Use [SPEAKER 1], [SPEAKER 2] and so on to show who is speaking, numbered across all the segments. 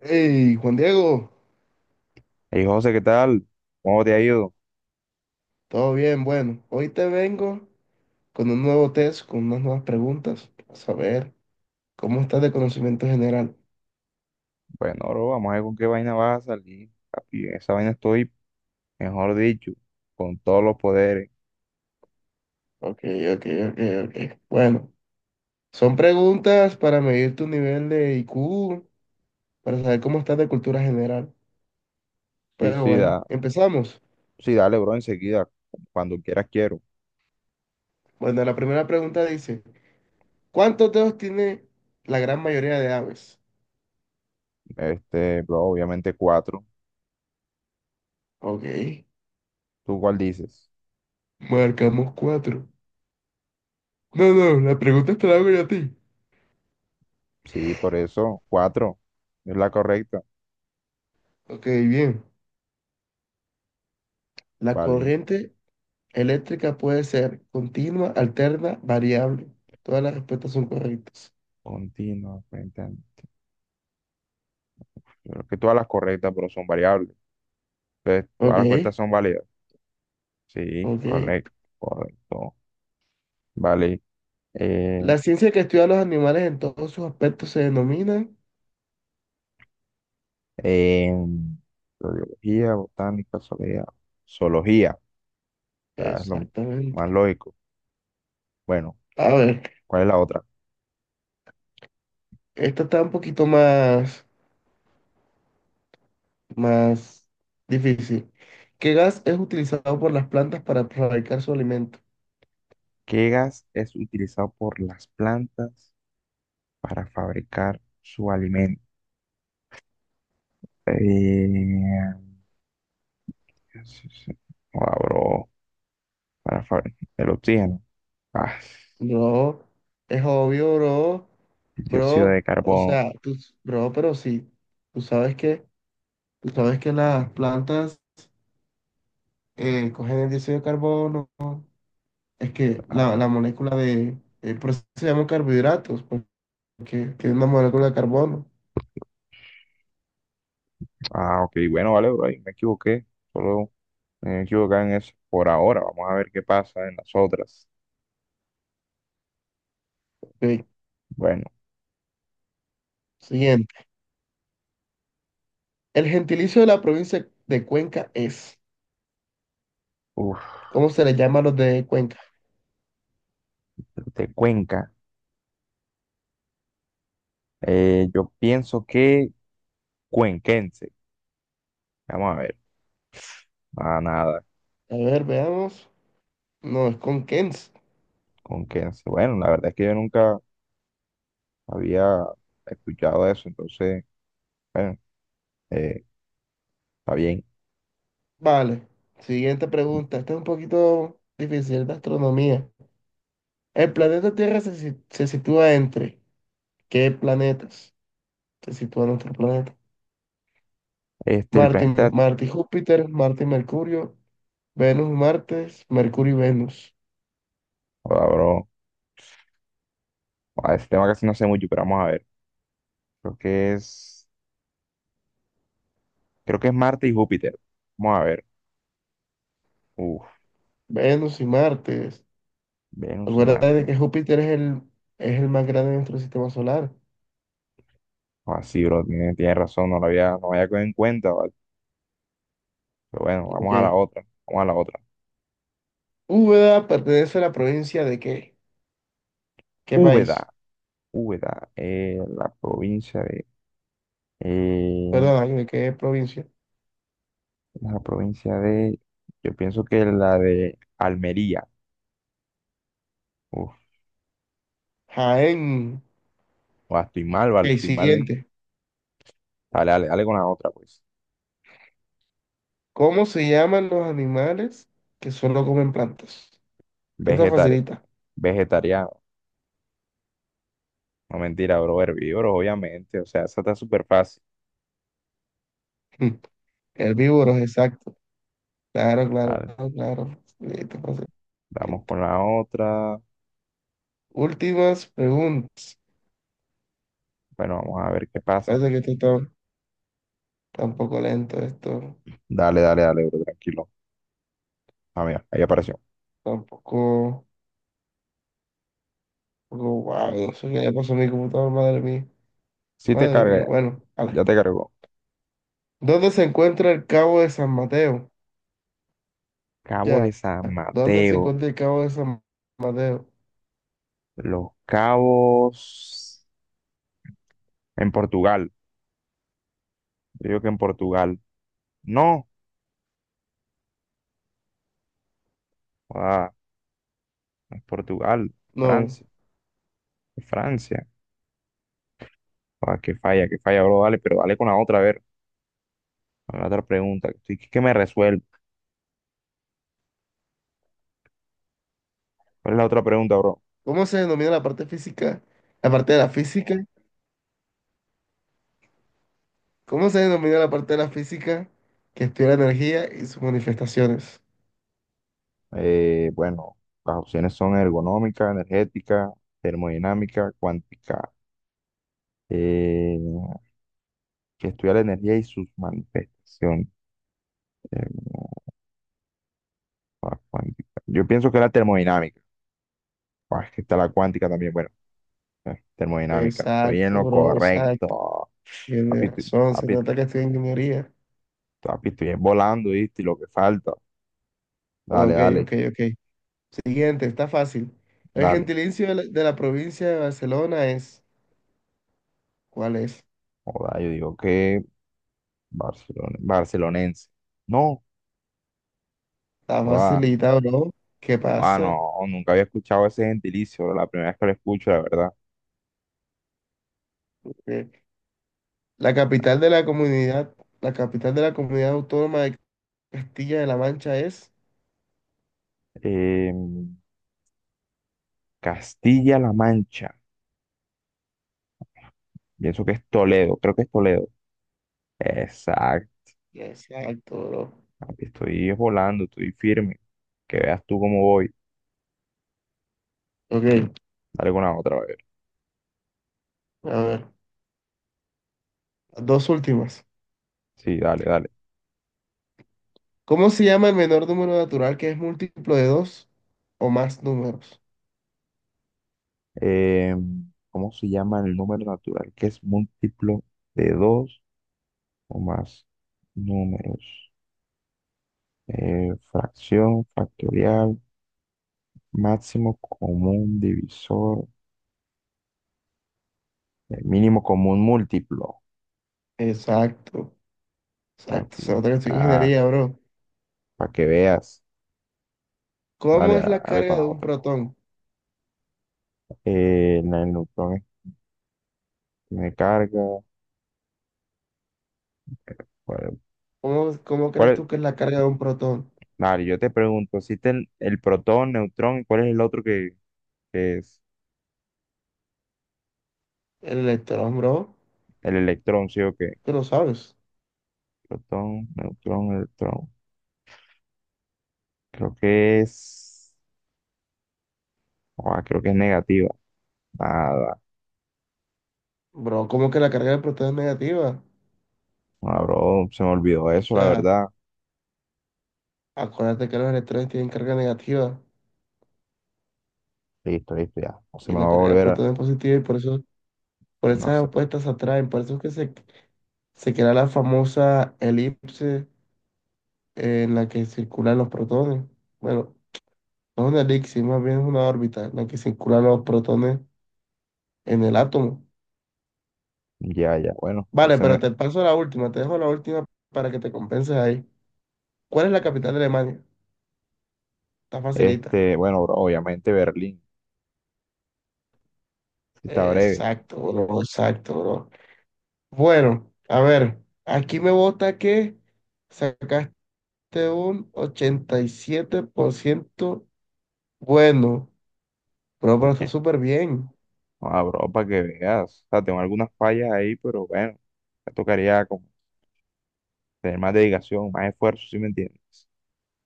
[SPEAKER 1] Hey, Juan Diego,
[SPEAKER 2] Hey José, ¿qué tal? ¿Cómo te ha ido?
[SPEAKER 1] todo bien, bueno, hoy te vengo con un nuevo test, con unas nuevas preguntas, a saber cómo estás de conocimiento general.
[SPEAKER 2] Bueno, no, bro, vamos a ver con qué vaina vas a salir, papi. En esa vaina estoy, mejor dicho, con todos los poderes.
[SPEAKER 1] Ok, ok, ok, ok. Bueno, son preguntas para medir tu nivel de IQ, para saber cómo estás de cultura general.
[SPEAKER 2] Sí,
[SPEAKER 1] Pero
[SPEAKER 2] sí, da,
[SPEAKER 1] bueno, empezamos.
[SPEAKER 2] sí, dale, bro, enseguida, cuando quieras quiero.
[SPEAKER 1] Bueno, la primera pregunta dice, ¿cuántos dedos tiene la gran mayoría de aves?
[SPEAKER 2] Bro, obviamente cuatro.
[SPEAKER 1] Ok,
[SPEAKER 2] ¿Tú cuál dices?
[SPEAKER 1] marcamos cuatro. No, no, la pregunta te la hago yo a ti.
[SPEAKER 2] Sí, por eso, cuatro. Es la correcta.
[SPEAKER 1] Ok, bien. La
[SPEAKER 2] Vale,
[SPEAKER 1] corriente eléctrica puede ser continua, alterna, variable. Todas las respuestas son correctas.
[SPEAKER 2] continua, frente a- creo que todas las correctas, pero son variables. Entonces, todas
[SPEAKER 1] Ok,
[SPEAKER 2] las correctas son válidas. Sí,
[SPEAKER 1] ok.
[SPEAKER 2] correcto, correcto. Vale. eh,
[SPEAKER 1] La ciencia que estudia a los animales en todos sus aspectos se denomina.
[SPEAKER 2] en biología, botánica, zoología, zoología, o sea, es lo
[SPEAKER 1] Exactamente.
[SPEAKER 2] más lógico. Bueno,
[SPEAKER 1] A ver,
[SPEAKER 2] ¿cuál es la otra?
[SPEAKER 1] esta está un poquito más difícil. ¿Qué gas es utilizado por las plantas para fabricar su alimento?
[SPEAKER 2] ¿Qué gas es utilizado por las plantas para fabricar su alimento? Eh, sí, sí. Joda, bro, para fabricar el oxígeno. Ah,
[SPEAKER 1] Bro, es obvio, bro.
[SPEAKER 2] el dióxido
[SPEAKER 1] Bro,
[SPEAKER 2] de
[SPEAKER 1] o
[SPEAKER 2] carbono.
[SPEAKER 1] sea, tú, bro, pero sí. Tú sabes que. Tú sabes que las plantas cogen el dióxido de carbono, es que
[SPEAKER 2] Ah,
[SPEAKER 1] la molécula de, por eso se llaman carbohidratos, porque tiene una molécula de carbono.
[SPEAKER 2] ah, ok, bueno, vale, bro, ahí me equivoqué. Solo me equivoqué en eso por ahora. Vamos a ver qué pasa en las otras.
[SPEAKER 1] Ok,
[SPEAKER 2] Bueno,
[SPEAKER 1] siguiente. El gentilicio de la provincia de Cuenca es,
[SPEAKER 2] uff.
[SPEAKER 1] ¿cómo se le llama a los de Cuenca?
[SPEAKER 2] De Cuenca. Yo pienso que cuenquense. Vamos a ver. Ah, nada,
[SPEAKER 1] A ver, veamos. No, es con Kens.
[SPEAKER 2] cuenquense. Bueno, la verdad es que yo nunca había escuchado eso, entonces, bueno, eh, está bien.
[SPEAKER 1] Vale. Siguiente pregunta. Esta es un poquito difícil de astronomía. El planeta Tierra se, se sitúa entre ¿qué planetas? Se sitúa nuestro planeta.
[SPEAKER 2] Este, el
[SPEAKER 1] Marte,
[SPEAKER 2] planeta,
[SPEAKER 1] Marte y Júpiter, Marte y Mercurio, Venus y Marte, Mercurio y Venus,
[SPEAKER 2] ahora, bro, a ese tema casi no sé mucho, pero vamos a ver. Creo que es, creo que es Marte y Júpiter. Vamos a ver. Uf,
[SPEAKER 1] Venus y Marte.
[SPEAKER 2] Venus y Marte.
[SPEAKER 1] Acuérdate de que Júpiter es el más grande de nuestro sistema solar.
[SPEAKER 2] Así, bro, tiene razón, no lo había cogido en cuenta, ¿vale? Pero bueno, vamos a la
[SPEAKER 1] Ok.
[SPEAKER 2] otra, vamos a la otra.
[SPEAKER 1] ¿Úbeda pertenece a la provincia de qué? ¿Qué país?
[SPEAKER 2] Úbeda, Úbeda, Eh,
[SPEAKER 1] Perdón, ay, ¿de qué provincia?
[SPEAKER 2] la provincia de, yo pienso que la de Almería. Uf,
[SPEAKER 1] Jaén.
[SPEAKER 2] o estoy mal, vale,
[SPEAKER 1] El
[SPEAKER 2] estoy mal en-
[SPEAKER 1] siguiente.
[SPEAKER 2] Dale, dale, dale con la otra, pues.
[SPEAKER 1] ¿Cómo se llaman los animales que solo comen plantas? Esto está
[SPEAKER 2] Vegetari
[SPEAKER 1] facilita.
[SPEAKER 2] vegetariano. No mentira, bro, herbívoros, obviamente. O sea, esa está súper fácil.
[SPEAKER 1] Herbívoros, exacto. Claro, claro,
[SPEAKER 2] Dale,
[SPEAKER 1] claro. Facilita, facilita.
[SPEAKER 2] vamos con la otra.
[SPEAKER 1] Últimas preguntas.
[SPEAKER 2] Bueno, vamos a ver qué pasa.
[SPEAKER 1] Parece que está un poco lento, esto
[SPEAKER 2] Dale, dale, dale, bro, tranquilo. Ah, mira, ahí apareció.
[SPEAKER 1] está un poco guau. No sé qué le pasó a mi computador, madre mía.
[SPEAKER 2] Sí te
[SPEAKER 1] Madre mía,
[SPEAKER 2] carga,
[SPEAKER 1] bueno, vale.
[SPEAKER 2] ya te cargó.
[SPEAKER 1] ¿Dónde se encuentra el Cabo de San Mateo?
[SPEAKER 2] Cabo de
[SPEAKER 1] Ya.
[SPEAKER 2] San
[SPEAKER 1] ¿Dónde se
[SPEAKER 2] Mateo.
[SPEAKER 1] encuentra el Cabo de San Mateo?
[SPEAKER 2] Los Cabos en Portugal. Yo digo que en Portugal. No. Ah, Portugal,
[SPEAKER 1] No.
[SPEAKER 2] Francia, Francia. Ah, que falla, bro. Dale, pero dale con la otra, a ver. Con la otra pregunta. Que estoy, que me resuelve. ¿Cuál es la otra pregunta, bro?
[SPEAKER 1] ¿Cómo se denomina la parte física? La parte de la física. ¿Cómo se denomina la parte de la física que estudia la energía y sus manifestaciones?
[SPEAKER 2] Bueno, las opciones son ergonómica, energética, termodinámica, cuántica. Eh, que estudia la energía y sus manifestaciones. Termo- joda, cuántica. Yo pienso que la termodinámica. Joda, es que está la cuántica también. Bueno, termodinámica. Estoy en
[SPEAKER 1] Exacto,
[SPEAKER 2] lo
[SPEAKER 1] bro, exacto.
[SPEAKER 2] correcto. Papi,
[SPEAKER 1] Tiene
[SPEAKER 2] estoy-
[SPEAKER 1] razón, se
[SPEAKER 2] papi,
[SPEAKER 1] nota que estudia ingeniería.
[SPEAKER 2] Papi, estoy volando, ¿viste? Y lo que falta. Dale,
[SPEAKER 1] Ok,
[SPEAKER 2] dale,
[SPEAKER 1] ok, ok. Siguiente, está fácil. El
[SPEAKER 2] dale.
[SPEAKER 1] gentilicio de la provincia de Barcelona es, ¿cuál es?
[SPEAKER 2] Joda, yo digo que Barcelona, barcelonense. No,
[SPEAKER 1] Está
[SPEAKER 2] joda.
[SPEAKER 1] facilitado, ¿no? ¿Qué
[SPEAKER 2] Ah, no,
[SPEAKER 1] pasa?
[SPEAKER 2] nunca había escuchado ese gentilicio, la primera vez que lo escucho, la verdad.
[SPEAKER 1] Eh, La capital de la capital de la comunidad autónoma de Castilla de la Mancha es.
[SPEAKER 2] Em, Castilla-La Mancha. Pienso que es Toledo, creo que es Toledo. Exacto.
[SPEAKER 1] Exacto, bro.
[SPEAKER 2] Papi, estoy volando, estoy firme. Que veas tú cómo voy.
[SPEAKER 1] Ok,
[SPEAKER 2] Dale con la otra vez.
[SPEAKER 1] a ver, las dos últimas.
[SPEAKER 2] Sí, dale, dale.
[SPEAKER 1] ¿Cómo se llama el menor número natural que es múltiplo de dos o más números?
[SPEAKER 2] ¿Cómo se llama el número natural que es múltiplo de 2 o más números? Fracción, factorial, máximo común divisor, mínimo común múltiplo.
[SPEAKER 1] Exacto,
[SPEAKER 2] Ah,
[SPEAKER 1] exacto. Se
[SPEAKER 2] bien.
[SPEAKER 1] nota que estoy en
[SPEAKER 2] Ah,
[SPEAKER 1] ingeniería, bro.
[SPEAKER 2] para que veas.
[SPEAKER 1] ¿Cómo
[SPEAKER 2] Vale,
[SPEAKER 1] es
[SPEAKER 2] ah,
[SPEAKER 1] la
[SPEAKER 2] dale con
[SPEAKER 1] carga
[SPEAKER 2] la
[SPEAKER 1] de un
[SPEAKER 2] otra.
[SPEAKER 1] protón?
[SPEAKER 2] El neutrón tiene carga. ¿Cuál,
[SPEAKER 1] ¿Cómo
[SPEAKER 2] ¿cuál
[SPEAKER 1] crees
[SPEAKER 2] es?
[SPEAKER 1] tú que es la carga de un protón?
[SPEAKER 2] Vale, yo te pregunto, ¿existe el protón, neutrón y cuál es el otro que es
[SPEAKER 1] El electrón, bro,
[SPEAKER 2] el electrón, sí o qué?
[SPEAKER 1] tú lo sabes.
[SPEAKER 2] Protón, neutrón, electrón. Creo que es... ah, creo que es negativa. Nada.
[SPEAKER 1] Bro, ¿cómo que la carga del protón es negativa?
[SPEAKER 2] Ah, bro, se me olvidó
[SPEAKER 1] O
[SPEAKER 2] eso, la
[SPEAKER 1] sea,
[SPEAKER 2] verdad.
[SPEAKER 1] acuérdate que los electrones tienen carga negativa
[SPEAKER 2] Listo, listo, ya. No se
[SPEAKER 1] y
[SPEAKER 2] me va a
[SPEAKER 1] la carga del
[SPEAKER 2] volver a...
[SPEAKER 1] protón es positiva por
[SPEAKER 2] No
[SPEAKER 1] esas
[SPEAKER 2] sé.
[SPEAKER 1] opuestas se atraen. Por eso es que se crea la famosa elipse en la que circulan los protones. Bueno, no es una elipse, más bien es una órbita en la que circulan los protones en el átomo.
[SPEAKER 2] Ya, ya. Bueno, no
[SPEAKER 1] Vale,
[SPEAKER 2] se me...
[SPEAKER 1] pero te paso la última, te dejo la última para que te compenses ahí. ¿Cuál es la capital de Alemania? Está facilita.
[SPEAKER 2] Bueno, bro, obviamente Berlín. Sí, está breve.
[SPEAKER 1] Exacto, bro, exacto, bro. Bueno, a ver, aquí me vota que sacaste un 87%. Bueno, bro, pero está
[SPEAKER 2] Porque,
[SPEAKER 1] súper bien.
[SPEAKER 2] ah, bro, para que veas. O sea, tengo algunas fallas ahí, pero bueno. Me tocaría como tener más dedicación, más esfuerzo, ¿si me entiendes?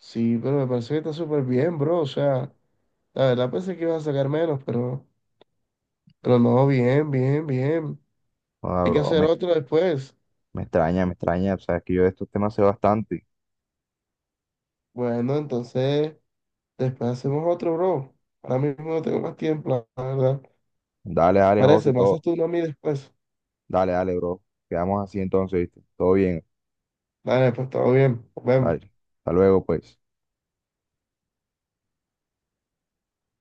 [SPEAKER 1] Sí, pero me parece que está súper bien, bro. O sea, la verdad pensé que ibas a sacar menos, pero no, bien, bien, bien.
[SPEAKER 2] Ah,
[SPEAKER 1] Hay que
[SPEAKER 2] bro,
[SPEAKER 1] hacer otro después.
[SPEAKER 2] me extraña, me extraña. Sabes que yo de estos temas sé bastante.
[SPEAKER 1] Bueno, entonces, después hacemos otro, bro. Ahora mismo no tengo más tiempo, la verdad.
[SPEAKER 2] Dale, dale, José,
[SPEAKER 1] Parece, me haces
[SPEAKER 2] todo.
[SPEAKER 1] tú uno a mí después.
[SPEAKER 2] Dale, dale, bro. Quedamos así entonces, ¿viste? Todo bien.
[SPEAKER 1] Vale, pues todo bien, nos vemos.
[SPEAKER 2] Dale. Hasta luego, pues.